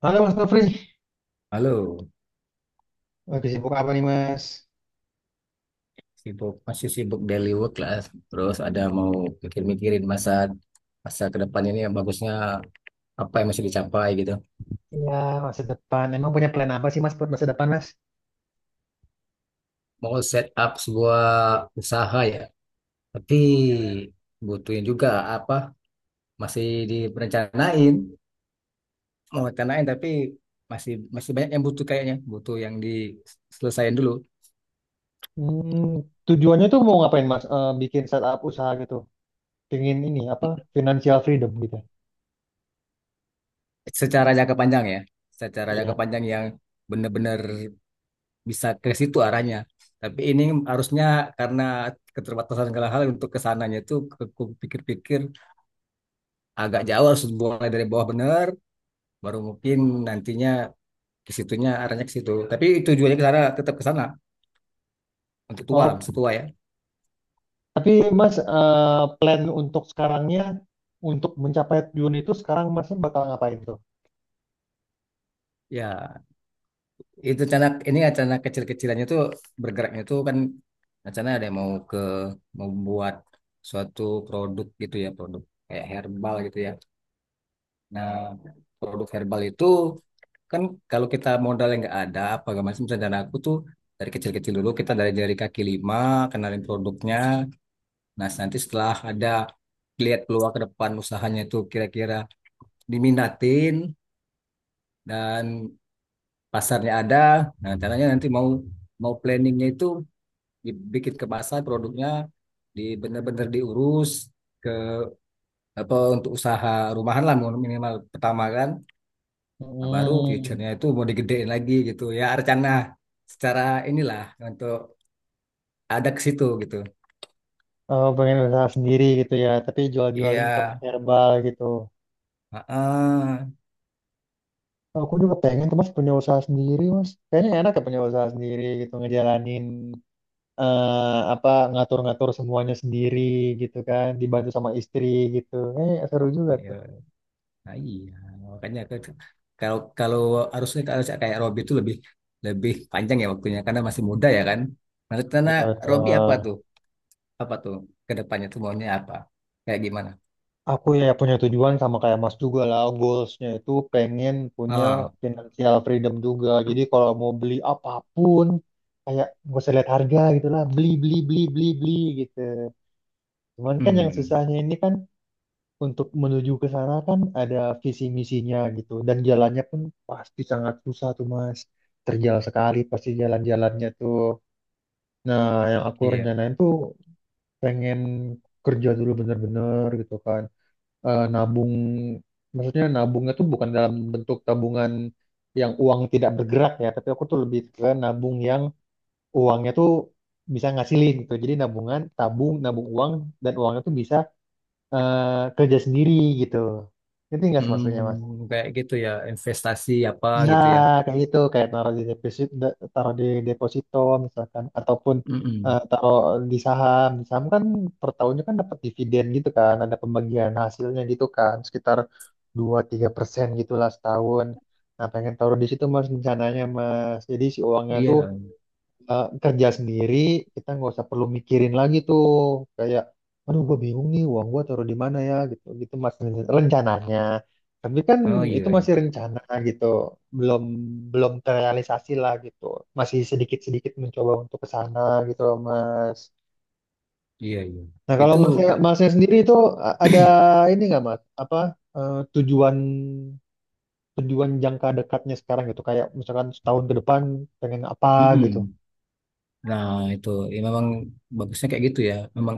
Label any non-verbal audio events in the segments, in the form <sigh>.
Halo Mas Nofri, Halo. lagi sibuk apa nih Mas? Sibuk, masih sibuk daily work lah. Terus ada mau mikir-mikirin masa masa ke depan ini yang bagusnya apa yang masih dicapai gitu. Ya, masa depan. Emang punya plan apa sih Mas buat masa depan Mas? Mau set up sebuah usaha ya, tapi butuhin juga apa masih direncanain, mau rencanain tapi masih masih banyak yang butuh kayaknya, butuh yang diselesaikan dulu. Hmm, tujuannya tuh mau ngapain Mas? Eh, bikin startup usaha gitu, pingin ini apa? Financial freedom gitu. Secara jangka panjang ya, secara jangka Iya. panjang yang benar-benar bisa ke situ arahnya. Tapi ini harusnya karena keterbatasan segala hal untuk kesananya itu ku pikir-pikir agak jauh harus mulai dari bawah benar, baru mungkin nantinya ke situnya arahnya ke situ. Tapi tujuannya ke sana tetap ke sana untuk tua lah, Oh, masa tua ya. tapi Mas plan untuk sekarangnya untuk mencapai tujuan itu sekarang Masnya bakal ngapain tuh? Ya, itu rencana ini rencana kecil-kecilannya tuh bergeraknya tuh kan, rencana ada yang mau ke membuat suatu produk gitu ya, produk kayak herbal gitu ya. Nah, produk herbal itu kan kalau kita modalnya nggak ada apa nggak macam misalnya, dan aku tuh dari kecil-kecil dulu kita dari kaki lima kenalin produknya. Nah nanti setelah ada lihat peluang ke depan usahanya itu kira-kira diminatin dan pasarnya ada. Nah caranya nanti mau mau planningnya itu dibikin ke pasar produknya, di bener-bener diurus ke apa, untuk usaha rumahan lah minimal pertama kan. Nah, baru Hmm, future-nya itu mau digedein lagi gitu ya rencana secara inilah untuk ada ke situ gitu. oh, pengen usaha sendiri gitu ya, tapi Iya, jual-jualin produk herbal gitu. heeh. Aku juga pengen tuh mas punya usaha sendiri mas. Kayaknya enak ya punya usaha sendiri gitu ngejalanin apa ngatur-ngatur semuanya sendiri gitu kan dibantu sama istri gitu. Eh seru juga Iya. tuh. Nah, iya. Makanya kalau kalau harusnya kalau kayak Robby itu lebih lebih panjang ya waktunya karena masih muda ya kan. Nah, rencana Iya Robby apa betul. tuh? Apa tuh ke depannya tuh maunya apa? Kayak gimana? Aku ya punya tujuan sama kayak Mas juga lah goalsnya itu pengen punya Oh. financial freedom juga. Jadi kalau mau beli apapun kayak gak usah lihat harga gitu lah beli beli beli beli beli gitu. Cuman kan yang Hmm. susahnya ini kan untuk menuju ke sana kan ada visi misinya gitu dan jalannya pun pasti sangat susah tuh Mas. Terjal sekali pasti jalan-jalannya tuh. Nah, yang aku Iya. rencanain tuh pengen kerja dulu bener-bener gitu kan. Nabung maksudnya nabungnya tuh bukan dalam bentuk tabungan yang uang tidak bergerak ya, tapi aku tuh lebih ke nabung yang uangnya tuh bisa ngasilin gitu. Jadi nabungan, tabung, nabung uang dan uangnya tuh bisa kerja sendiri gitu. Ngerti nggak sih maksudnya mas? Hmm, kayak gitu ya investasi apa gitu Nah, ya. kayak gitu kayak taruh di deposito misalkan ataupun Mm-mm. taruh di saham. Di saham kan per tahunnya kan dapat dividen gitu kan, ada pembagian hasilnya gitu kan sekitar 2-3% gitulah setahun. Nah pengen taruh di situ mas rencananya mas. Jadi si uangnya tuh Iya. Kerja sendiri kita nggak usah perlu mikirin lagi tuh kayak aduh gue bingung nih uang gue taruh di mana ya gitu gitu mas rencananya tapi kan Oh itu iya, masih iya. rencana gitu belum belum terrealisasi lah gitu masih sedikit sedikit mencoba untuk ke sana gitu loh, mas. Iya, iya. Nah kalau Itu masnya Kak. masnya sendiri itu ada <clears throat> ini nggak mas apa tujuan tujuan jangka dekatnya sekarang gitu kayak misalkan setahun ke depan pengen apa gitu Mm-mm. Nah, itu ya memang bagusnya kayak gitu ya. Memang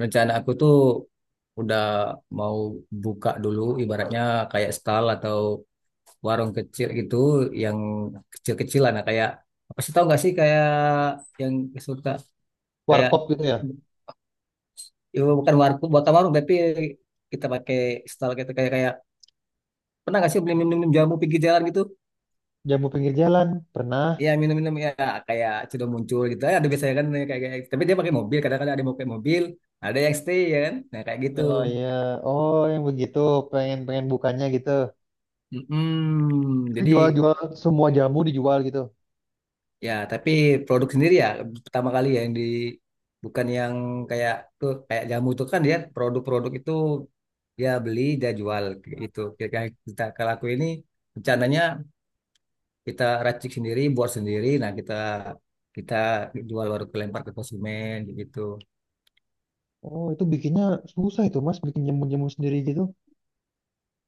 rencana aku tuh udah mau buka dulu ibaratnya kayak stall atau warung kecil gitu yang kecil-kecilan. Nah kayak apa sih, tau gak sih kayak yang suka kayak, warkop gitu ya. ya bukan warung, bukan warung, tapi kita pakai stall gitu kayak, pernah gak sih beli minum, jamu pinggir jalan gitu? Jamu pinggir jalan pernah. Iya, minum-minum ya kayak sudah muncul gitu. Ada biasanya kan kayak, tapi dia pakai mobil. Kadang-kadang ada yang pakai mobil, ada yang stay ya kan. Nah kayak gitu. Oh iya, oh yang begitu pengen pengen bukannya gitu. Mm-mm. Jadi Jual-jual semua jamu dijual gitu. ya tapi produk sendiri ya pertama kali ya yang di bukan yang kayak tuh, kayak jamu tuh kan dia produk-produk itu dia beli dia jual kayak gitu. Kayak kita, kalau aku ini rencananya kita racik sendiri, buat sendiri. Nah kita kita jual baru kelempar ke konsumen kayak gitu. Oh itu bikinnya susah itu mas, bikin jamu-jamu sendiri gitu.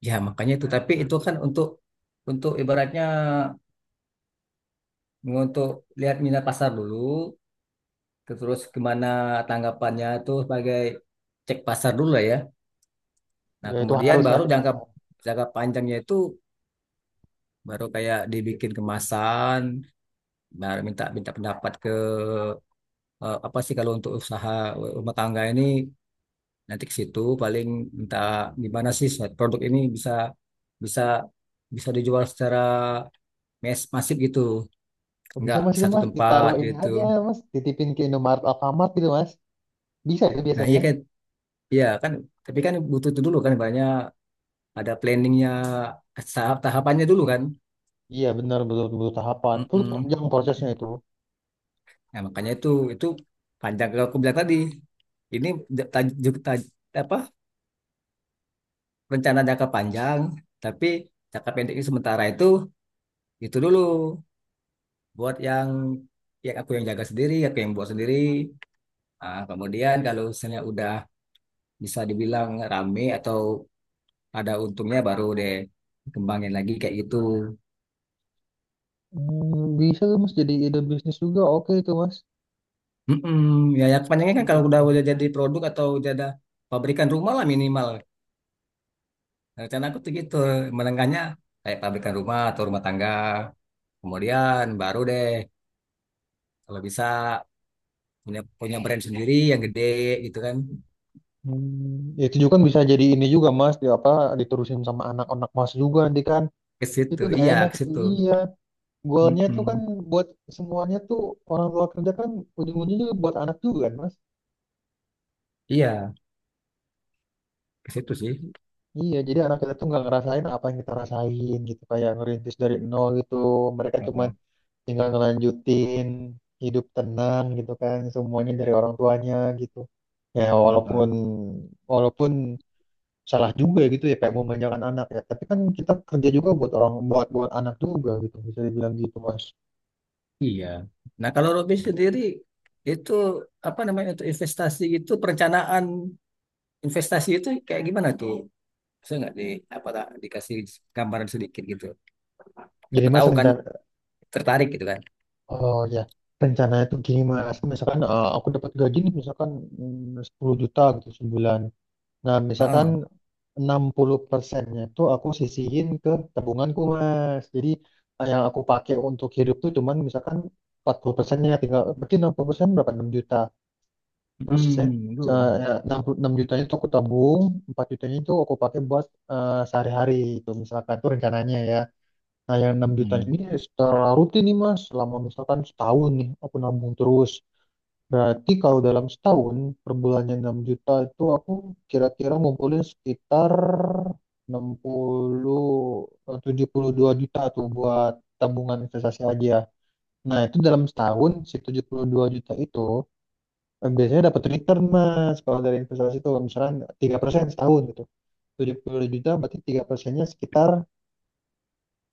Ya, makanya itu. Tapi itu kan untuk ibaratnya untuk lihat minat pasar dulu, terus gimana tanggapannya itu sebagai cek pasar dulu lah ya. Nah, Ya itu kemudian harus lah baru di jangka pasar. jangka panjangnya itu baru kayak dibikin kemasan, baru minta minta pendapat ke, apa sih kalau untuk usaha rumah tangga ini nanti ke situ paling minta gimana sih produk ini bisa bisa bisa dijual secara masif gitu. Oh, bisa Nggak mas itu satu mas, tempat ditaruh ini gitu. aja mas, titipin ke Indomaret Alfamart gitu mas. Bisa itu Nah biasanya. Iya kan, tapi kan butuh itu dulu kan banyak ada planningnya, tahap tahapannya dulu kan. Iya benar betul betul tahapan. Itu Mm-mm. panjang prosesnya itu. Nah makanya itu itu panjang kalau aku bilang tadi ini j- taj- j- taj- apa, rencana jangka panjang, tapi jangka pendek ini sementara itu dulu buat yang ya aku yang jaga sendiri, aku yang buat sendiri. Nah, kemudian kalau misalnya udah bisa dibilang rame atau ada untungnya baru deh kembangin lagi kayak gitu. Hmm, bisa tuh mas jadi ide bisnis juga oke itu mas. Mm-mm. Ya, ya, kepanjangnya kan kalau Penjualan udah jamu. jadi produk atau udah ada pabrikan rumah lah minimal. Nah, Rencana aku tuh gitu, menengahnya kayak pabrikan rumah atau rumah tangga. Kemudian baru deh kalau bisa punya punya brand sendiri yang gede gitu kan. Hmm, itu juga kan bisa jadi ini juga mas, di apa diterusin sama anak-anak mas juga nanti kan Ke itu situ. udah Iya, enak ke itu situ. iya. Goalnya tuh kan Mm-mm. buat semuanya tuh orang tua kerja kan ujung-ujungnya juga buat anak juga kan mas. Iya, ke situ sih. Jadi- Iya, jadi anak kita tuh nggak ngerasain apa yang kita rasain gitu kayak ngerintis dari nol gitu. Mereka cuma Heeh, tinggal ngelanjutin hidup tenang gitu kan semuanya dari orang tuanya gitu. Ya walaupun heeh. walaupun salah juga ya gitu ya kayak memanjakan anak ya tapi kan kita kerja juga buat orang buat buat anak juga gitu bisa dibilang gitu mas Iya. Nah, kalau Robby sendiri itu apa namanya, untuk investasi gitu perencanaan. Investasi itu kayak gimana tuh? Bisa nggak di apa tak dikasih gambaran sedikit gitu? jadi Siapa mas tahu kan rencana tertarik gitu kan? oh ya rencana itu gini mas misalkan aku dapat gaji nih misalkan 10 juta gitu sebulan nah misalkan Heeh. 60%-nya itu aku sisihin ke tabunganku mas jadi yang aku pakai untuk hidup tuh cuman misalkan 40%-nya tinggal berarti 60% berapa 6 juta. Terus sisanya Mm, itu. 6 jutanya itu aku tabung, 4 jutanya itu aku pakai buat sehari-hari itu misalkan tuh rencananya ya. Nah, yang 6 jutanya ini Mm, secara rutin nih Mas, selama misalkan setahun nih aku nabung terus. Berarti kalau dalam setahun per bulannya 6 juta itu aku kira-kira ngumpulin sekitar 60 72 juta tuh buat tabungan investasi aja. Nah, itu dalam setahun si 72 juta itu. Biasanya dapat return mas kalau dari investasi itu misalkan 3% setahun gitu. 70 juta berarti 3%-nya sekitar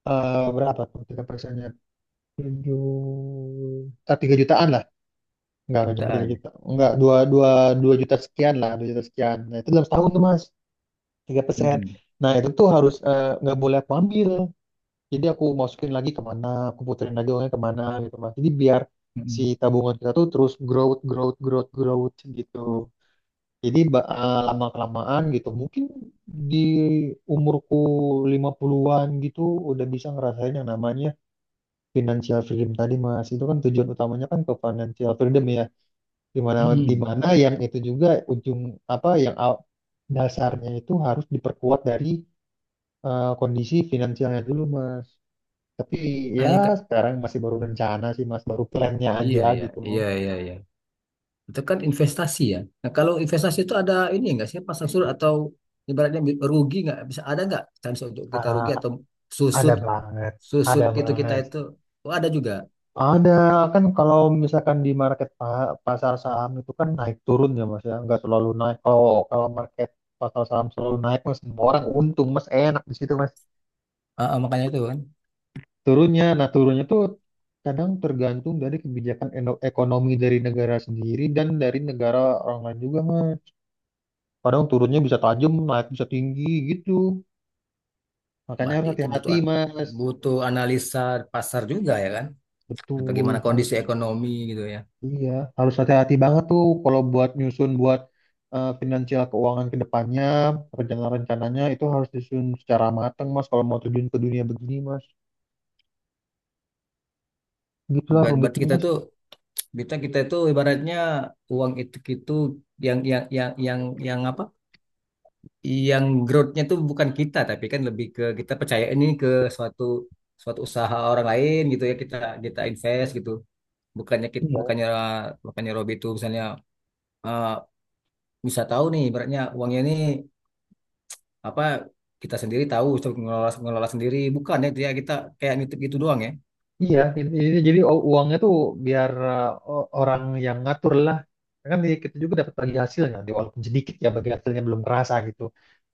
berapa tuh 3%-nya? 7 ah, 3 jutaan lah. Enggak nyampe 3 jutaan. juta. Enggak, 2 2 2 juta sekian lah, 2 juta sekian. Nah, itu dalam setahun tuh Mas, 3%. Mm, Nah, itu tuh harus nggak boleh aku ambil. Jadi aku masukin lagi kemana, aku puterin lagi uangnya kemana gitu Mas. Jadi biar si mm, tabungan kita tuh terus growth, growth, growth, growth gitu. Jadi lama-kelamaan gitu, mungkin di umurku 50-an gitu udah bisa ngerasain yang namanya financial freedom tadi Mas. Itu kan tujuan utamanya kan ke financial freedom ya. Dimana mm. <clears throat> dimana yang itu juga ujung apa yang dasarnya itu harus diperkuat dari kondisi finansialnya dulu Mas. Tapi ya Ah, ya, Kak. sekarang masih baru rencana sih Mas, baru plannya Iya, aja iya, gitu. iya, iya, iya. Itu kan investasi ya. Nah, kalau investasi itu ada ini nggak sih pasang surut atau ibaratnya rugi nggak? Bisa ada nggak chance untuk kita rugi Ah, atau ada susut banget, susut ada gitu kita banget. itu? Oh, ada juga. Ada kan kalau misalkan di market pasar saham itu kan naik turun ya mas ya nggak selalu naik kalau kalau market pasar saham selalu naik mas semua orang untung mas enak di situ mas. Ah, ah, makanya itu kan. Turunnya nah turunnya tuh kadang tergantung dari kebijakan ekonomi dari negara sendiri dan dari negara orang lain juga mas kadang turunnya bisa tajam naik bisa tinggi gitu makanya harus Berarti itu butuh hati-hati mas. butuh analisa pasar juga ya kan? Bagaimana Betul harus. kondisi ekonomi gitu ya. Iya, harus hati-hati banget tuh kalau buat nyusun buat finansial keuangan ke depannya, rencana-rencananya itu harus disusun secara matang, Mas, kalau mau terjun ke dunia begini, Mas. Gitulah Berarti rumitnya, kita Mas. tuh kita kita itu ibaratnya uang itu yang yang apa? Yang growth-nya tuh bukan kita tapi kan lebih ke kita percaya ini ke suatu suatu usaha orang lain gitu ya kita kita invest gitu. Bukannya kita, Iya. bukannya bukannya Robi itu misalnya eh bisa tahu nih ibaratnya uangnya ini apa, kita sendiri tahu untuk ngelola ngelola sendiri, bukan ya dia kita kayak nitip gitu doang ya. Iya, ini jadi uangnya tuh biar orang yang ngatur lah. Kan kita juga dapat bagi hasilnya, walaupun sedikit ya bagi hasilnya belum kerasa gitu.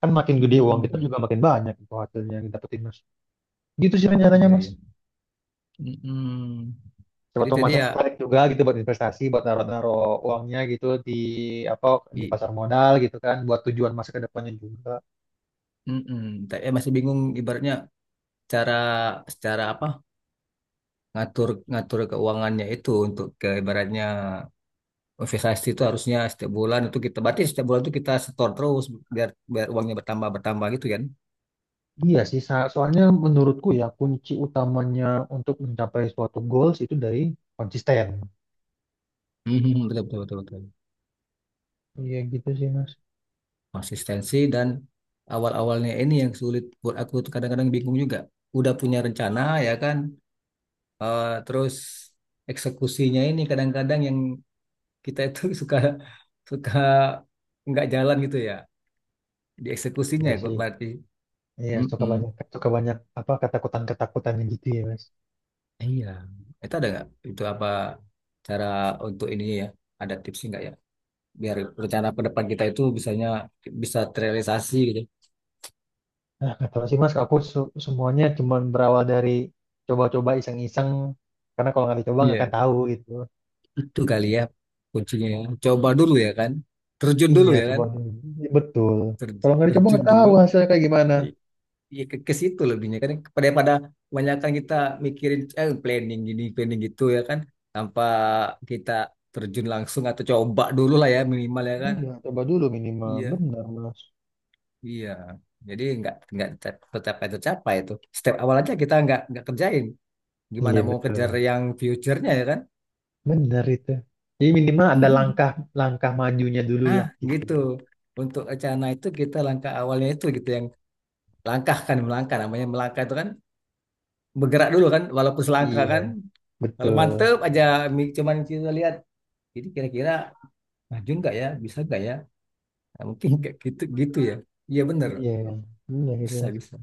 Kan makin gede uang kita Mm-mm. juga makin banyak itu hasilnya yang didapetin, Mas. Gitu sih rencananya, Iya Mas. ya, Siapa jadi tahu tadi masih ya tertarik juga gitu buat investasi, buat naro-naro uangnya gitu di apa di i- pasar modal gitu kan, buat tujuan masa ke depannya juga. mm-mm. Tapi ya masih bingung ibaratnya cara secara apa ngatur ngatur keuangannya itu untuk ke ibaratnya investasi itu harusnya setiap bulan itu kita, berarti setiap bulan itu kita setor terus biar biar uangnya bertambah bertambah gitu kan. Iya sih, soalnya menurutku ya kunci utamanya untuk mencapai suatu goals itu dari konsisten. Mm-mm. Betul, betul, betul, betul. Iya gitu sih mas. Konsistensi dan awal-awalnya ini yang sulit buat aku tuh kadang-kadang bingung juga. Udah punya rencana ya kan, terus eksekusinya ini kadang-kadang yang kita itu <laughs> suka suka nggak jalan gitu ya, di eksekusinya Iya ya, kok sih. berarti. Iya Mm-mm. Suka banyak apa ketakutan-ketakutannya gitu ya mas. Iya, itu ada nggak? Itu apa, cara untuk ini ya? Ada tips nggak ya? Biar rencana ke depan kita itu bisanya bisa terrealisasi gitu. Nah nggak tahu sih mas, aku semuanya cuman berawal dari coba-coba iseng-iseng karena kalau nggak dicoba nggak akan Iya. tahu gitu. Itu kali ya kuncinya, ya. Coba dulu ya kan. Terjun dulu Iya, ya coba. kan. Iya, betul. Ter- Kalau nggak dicoba nggak terjun tahu dulu. hasilnya kayak gimana. Ya ke, situ lebihnya kan. Pada pada kebanyakan kita mikirin planning gini, planning gitu ya kan. Tanpa kita terjun langsung atau coba dulu lah ya minimal ya kan. Iya, coba dulu minimal. Iya, Benar, Mas. iya. Jadi nggak tercapai tercapai itu. Step awal aja kita nggak kerjain. Gimana Iya mau kejar betul. yang future-nya ya kan? Benar itu. Jadi minimal ada langkah <laughs> langkah majunya dulu Ah, lah gitu. gitu. Untuk rencana itu kita langkah awalnya itu gitu yang langkah kan, melangkah namanya melangkah itu kan bergerak dulu kan walaupun selangkah Iya. kan, kalau Betul. mantep aja cuman kita lihat jadi kira-kira maju nggak ya, bisa nggak ya. Nah, mungkin <laughs> kayak gitu gitu ya, iya bener Iya, bro. iya gitu. Bisa bisa.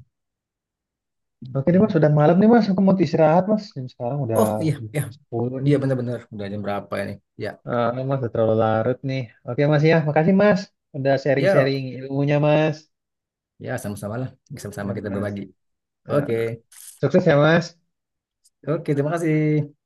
Oke deh Mas, Mm. udah malam nih Mas. Aku mau istirahat Mas. Jam sekarang udah Oh iya, iya, jam 10 nih. iya, bener-bener udah jam berapa ini ya. Ah, mas, udah terlalu larut nih. Oke Mas ya, makasih Mas. Udah Ya, sharing-sharing ilmunya Mas. ya, sama-sama lah, sama-sama Ya kita Mas. berbagi. Oke, Ah, sukses ya Mas. oke, terima kasih.